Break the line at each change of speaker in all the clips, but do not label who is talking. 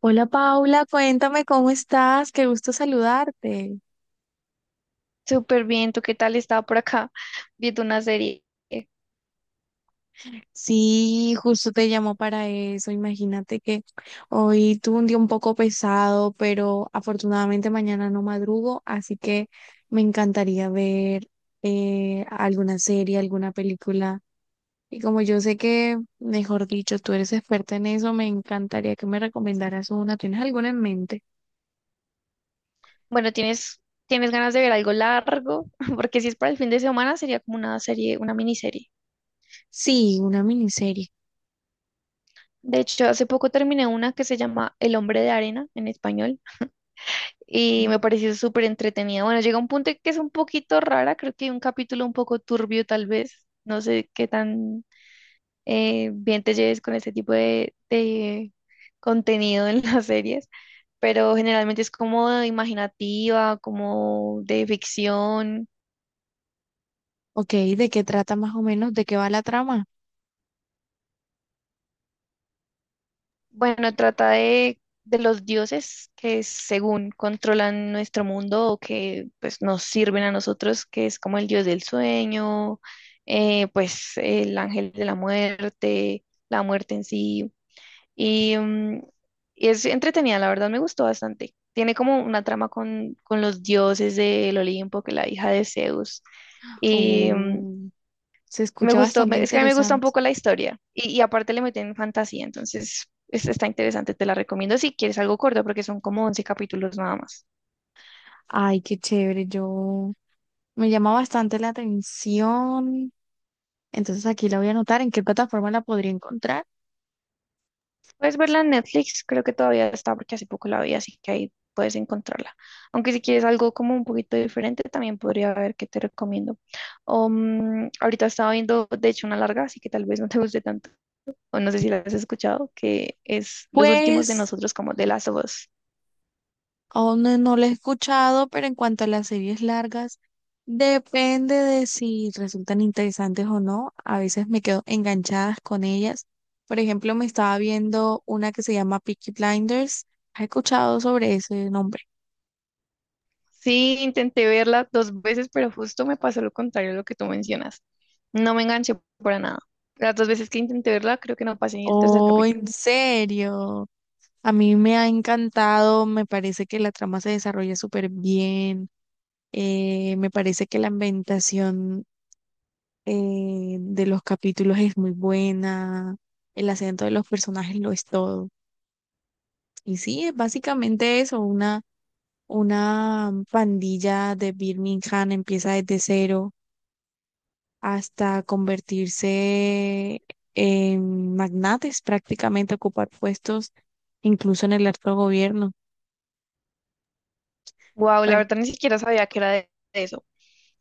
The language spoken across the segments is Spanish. Hola Paula, cuéntame cómo estás, qué gusto saludarte.
Súper bien, ¿tú qué tal? Estaba por acá viendo una serie.
Sí, justo te llamo para eso. Imagínate que hoy tuve un día un poco pesado, pero afortunadamente mañana no madrugo, así que me encantaría ver alguna serie, alguna película. Y como yo sé que, mejor dicho, tú eres experta en eso, me encantaría que me recomendaras una. ¿Tienes alguna en mente?
Bueno, ¿tienes ganas de ver algo largo? Porque si es para el fin de semana, sería como una serie, una miniserie.
Sí, una miniserie.
De hecho, hace poco terminé una que se llama El hombre de arena en español y me pareció súper entretenida. Bueno, llega un punto en que es un poquito rara, creo que hay un capítulo un poco turbio tal vez. No sé qué tan bien te lleves con este tipo de contenido en las series, pero generalmente es como imaginativa, como de ficción.
Ok, ¿de qué trata más o menos? ¿De qué va la trama?
Bueno, trata de los dioses que según controlan nuestro mundo o que pues nos sirven a nosotros, que es como el dios del sueño, pues el ángel de la muerte en sí. Y mm, es entretenida, la verdad me gustó bastante. Tiene como una trama con los dioses del Olimpo, que la hija de Zeus. Y mm,
Oh, se
me
escucha
gustó,
bastante
me- es que a mí me gusta un
interesante.
poco la historia. Y aparte le meten fantasía, entonces es- está interesante, te la recomiendo si quieres algo corto, porque son como 11 capítulos nada más.
Ay, qué chévere. Yo me llama bastante la atención. Entonces aquí la voy a anotar. ¿En qué plataforma la podría encontrar?
Puedes verla en Netflix, creo que todavía está porque hace poco la vi, así que ahí puedes encontrarla. Aunque si quieres algo como un poquito diferente, también podría ver qué te recomiendo. Ahorita estaba viendo, de hecho, una larga, así que tal vez no te guste tanto, o no sé si la has escuchado, que es Los Últimos de
Pues
Nosotros, como de Last of Us.
aún no la he escuchado, pero en cuanto a las series largas, depende de si resultan interesantes o no. A veces me quedo enganchadas con ellas. Por ejemplo, me estaba viendo una que se llama Peaky Blinders. ¿Has escuchado sobre ese nombre?
Sí, intenté verla dos veces, pero justo me pasó lo contrario a lo que tú mencionas. No me enganché para nada. Las dos veces que intenté verla, creo que no pasé ni el tercer
Oh,
capítulo.
¿en serio? A mí me ha encantado, me parece que la trama se desarrolla súper bien, me parece que la ambientación de los capítulos es muy buena, el acento de los personajes lo es todo. Y sí, es básicamente eso, una pandilla de Birmingham empieza desde cero hasta convertirse en magnates, prácticamente ocupar puestos incluso en el alto gobierno.
Wow, la
Bueno,
verdad ni siquiera sabía que era de eso.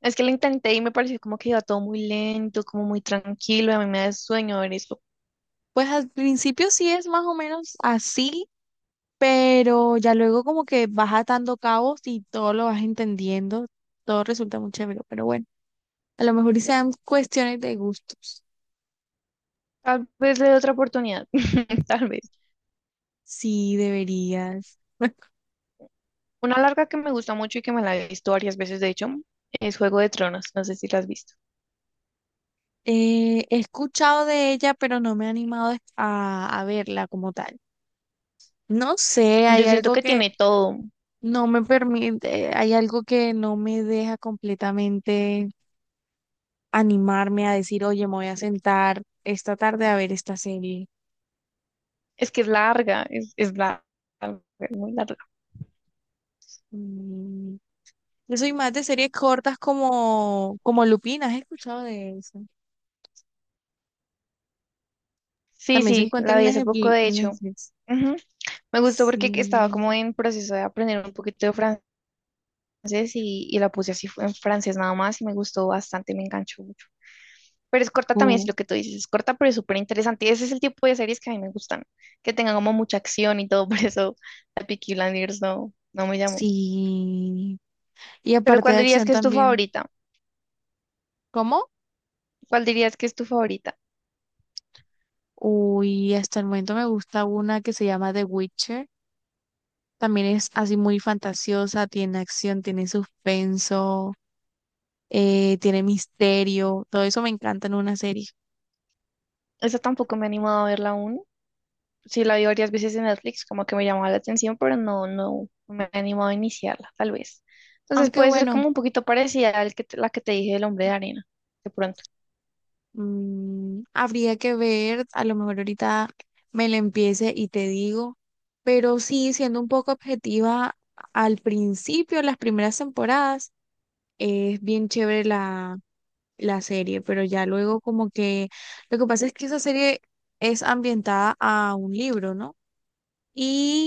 Es que lo intenté y me pareció como que iba todo muy lento, como muy tranquilo, y a mí me da sueño ver eso.
pues al principio sí es más o menos así, pero ya luego como que vas atando cabos y todo lo vas entendiendo, todo resulta muy chévere, pero bueno, a lo mejor y sean cuestiones de gustos.
Tal vez le dé otra oportunidad, tal vez.
Sí, deberías.
Una larga que me gusta mucho y que me la he visto varias veces, de hecho, es Juego de Tronos, no sé si la has visto.
He escuchado de ella, pero no me he animado a verla como tal. No sé, hay
Yo siento
algo
que
que
tiene todo,
no me permite, hay algo que no me deja completamente animarme a decir, oye, me voy a sentar esta tarde a ver esta serie.
es que es larga, es larga, es muy larga.
Mm, Yo soy más de series cortas como Lupin, ¿has escuchado de eso?
Sí,
También se
sí,
encuentra
la
en
vi hace poco,
Neje-
de hecho.
Netflix.
Ujú. Me gustó porque que estaba como
Sí.
en proceso de aprender un poquito de francés y la puse así en francés nada más y me gustó bastante, me enganchó mucho. Pero es corta también, es
Oh,
lo que tú dices, es corta, pero es súper interesante. Ese es el tipo de series que a mí me gustan, que tengan como mucha acción y todo, por eso la Peaky Blinders no, no me llamó.
sí. Y
Pero
aparte
¿cuál
de
dirías
acción
que es tu
también.
favorita?
¿Cómo?
¿Cuál dirías que es tu favorita?
Uy, hasta el momento me gusta una que se llama The Witcher. También es así muy fantasiosa, tiene acción, tiene suspenso, tiene misterio. Todo eso me encanta en una serie.
Esa tampoco me he animado a verla aún. Sí, la vi varias veces en Netflix, como que me llamaba la atención, pero no, no me he animado a iniciarla, tal vez. Entonces
Aunque
puede ser
bueno.
como un poquito parecida a la que te dije del hombre de arena, de pronto.
Mm, habría que ver, a lo mejor ahorita me la empiece y te digo, pero sí, siendo un poco objetiva, al principio, las primeras temporadas, es bien chévere la serie, pero ya luego como que lo que pasa es que esa serie es ambientada a un libro, ¿no?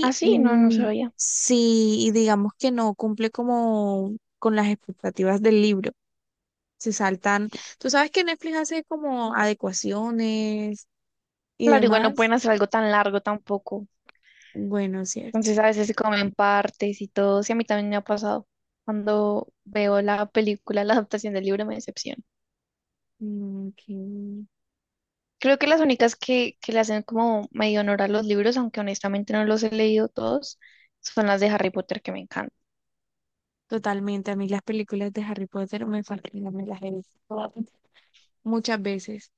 Ah, sí, no, no
mm,
sabía.
si digamos que no cumple como con las expectativas del libro, se saltan. Tú sabes que Netflix hace como adecuaciones y
Claro, igual no
demás.
pueden hacer algo tan largo tampoco.
Bueno, cierto.
Entonces a veces se comen partes y todo. Sí, a mí también me ha pasado. Cuando veo la película, la adaptación del libro me decepciona.
Mm, ok.
Creo que las únicas que le hacen como medio honor a los libros, aunque honestamente no los he leído todos, son las de Harry Potter que me encantan.
Totalmente. A mí las películas de Harry Potter me fascinan, me las he visto todas, muchas veces.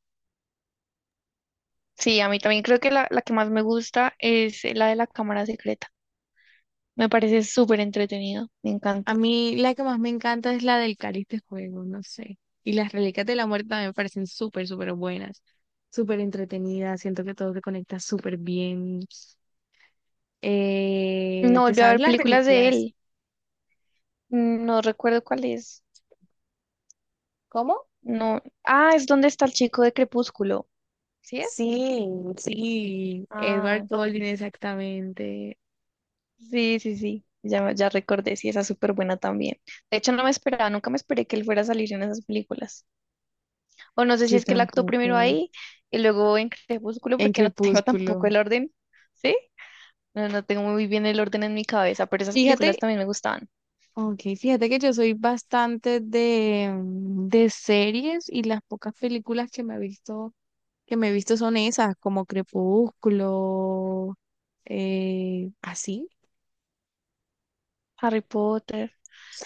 Sí, a mí también creo que la que más me gusta es la de la Cámara Secreta. Me parece súper entretenido, me
A
encanta.
mí la que más me encanta es la del Cáliz de Fuego, no sé. Y las Reliquias de la Muerte también me parecen súper, súper buenas, súper entretenidas. Siento que todo se conecta súper bien.
No
¿Te
volví a
sabes
ver
las
películas de
reliquias?
él, no recuerdo cuál es.
¿Cómo?
No. Ah, es donde está el chico de Crepúsculo. ¿Sí es?
Sí, sí, Edward
Ah,
Cullen, exactamente.
sí, sí, sí. Ya, ya recordé, sí, esa es súper buena también. De hecho, no me esperaba, nunca me esperé que él fuera a salir en esas películas. O no sé
Yo
si es que él actuó
tampoco.
primero ahí y luego en Crepúsculo,
En
porque no tengo
Crepúsculo.
tampoco el orden, ¿sí? No, no tengo muy bien el orden en mi cabeza, pero esas películas
Fíjate,
también me gustaban.
ok, fíjate que yo soy bastante de, de series y las pocas películas que me he visto, son esas, como Crepúsculo, eh, así,
Harry Potter.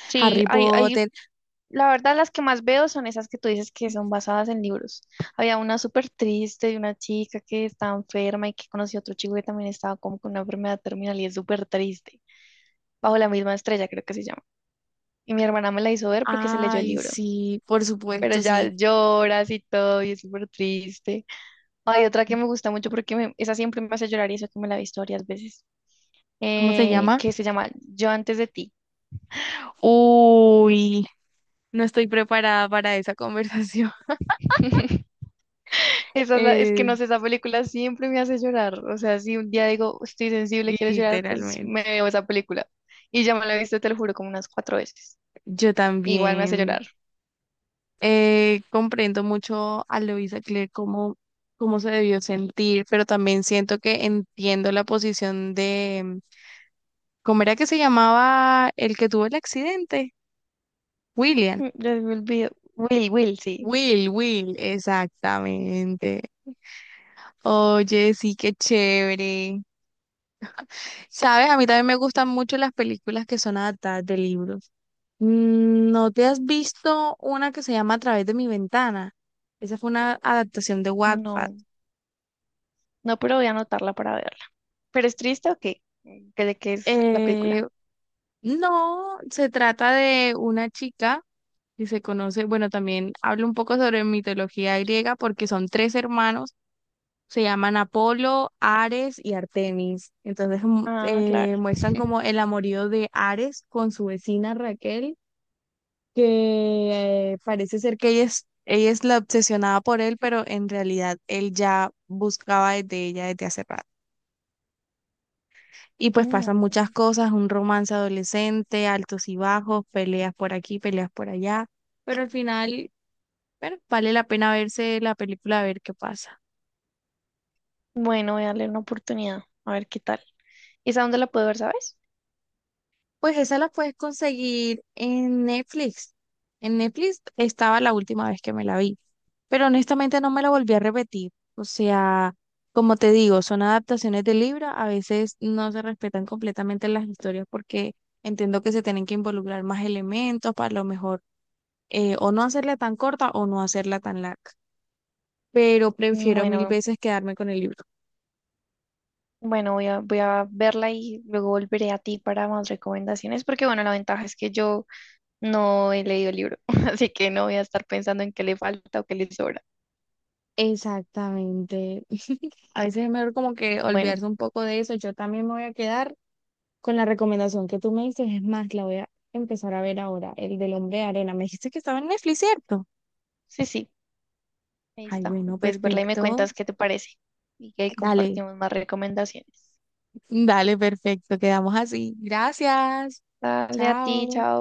Sí,
Harry
hay,
Potter.
la verdad, las que más veo son esas que tú dices que son basadas en libros. Había una súper triste de una chica que estaba enferma y que conoció a otro chico que también estaba como con una enfermedad terminal y es súper triste. Bajo la misma estrella, creo que se llama. Y mi hermana me la hizo ver porque se leyó el
Ay,
libro.
sí, por
Pero
supuesto,
ya
sí.
lloras y todo y es súper triste. Hay otra que me gusta mucho porque me- esa siempre me hace llorar y eso que me la he visto varias veces.
¿Cómo se llama?
Que se llama Yo antes de ti.
Uy, no estoy preparada para esa conversación.
Esa es, la- es que
Eh,
no sé, esa película siempre me hace llorar. O sea, si un día digo, estoy sensible, quiero llorar, pues me
Literalmente.
veo esa película. Y ya me la he visto, te lo juro, como unas 4 veces.
Yo
Igual me hace
también.
llorar.
Comprendo mucho a Luisa Claire cómo se debió sentir, pero también siento que entiendo la posición de, ¿cómo era que se llamaba el que tuvo el accidente? William.
Mm, ya me olvido. Will, Will, sí.
Will, exactamente. Oye, sí, qué chévere. Sabes, a mí también me gustan mucho las películas que son adaptadas de libros. Mm, ¿no te has visto una que se llama A través de mi ventana? Esa fue una adaptación de Wattpad.
No, no, pero voy a anotarla para verla. ¿Pero es triste o qué? ¿Qué- ¿De qué es la película?
Eh, No, se trata de una chica que se conoce, bueno, también hablo un poco sobre mitología griega porque son tres hermanos, se llaman Apolo, Ares y Artemis. Entonces mu-
Ah, claro.
muestran como el amorío de Ares con su vecina Raquel, que parece ser que ella es la obsesionada por él, pero en realidad él ya buscaba desde ella desde hace rato. Y pues pasan muchas
Mm,
cosas, un romance adolescente, altos y bajos, peleas por aquí, peleas por allá, pero al final, bueno, vale la pena verse la película a ver qué pasa.
bueno, voy a darle una oportunidad. A ver qué tal. ¿Esa dónde la puedo ver, sabes?
Pues esa la puedes conseguir en Netflix. En Netflix estaba la última vez que me la vi, pero honestamente no me la volví a repetir. O sea, como te digo, son adaptaciones de libro, a veces no se respetan completamente las historias porque entiendo que se tienen que involucrar más elementos para lo mejor o no hacerla tan corta o no hacerla tan larga, pero prefiero mil
Bueno.
veces quedarme con el libro.
Bueno, voy a verla y luego volveré a ti para más recomendaciones, porque bueno, la ventaja es que yo no he leído el libro, así que no voy a estar pensando en qué le falta o qué le sobra.
Exactamente. A veces es mejor como que
Bueno,
olvidarse un poco de eso. Yo también me voy a quedar con la recomendación que tú me dices. Es más, la voy a empezar a ver ahora, el del hombre de arena. Me dijiste que estaba en Netflix, ¿cierto?
sí, sí, ahí
Ay,
está.
bueno,
Puedes verla y me
perfecto.
cuentas qué te parece y que ahí
Dale,
compartimos más recomendaciones.
dale, perfecto. Quedamos así. Gracias.
Dale a ti,
Chao.
chao.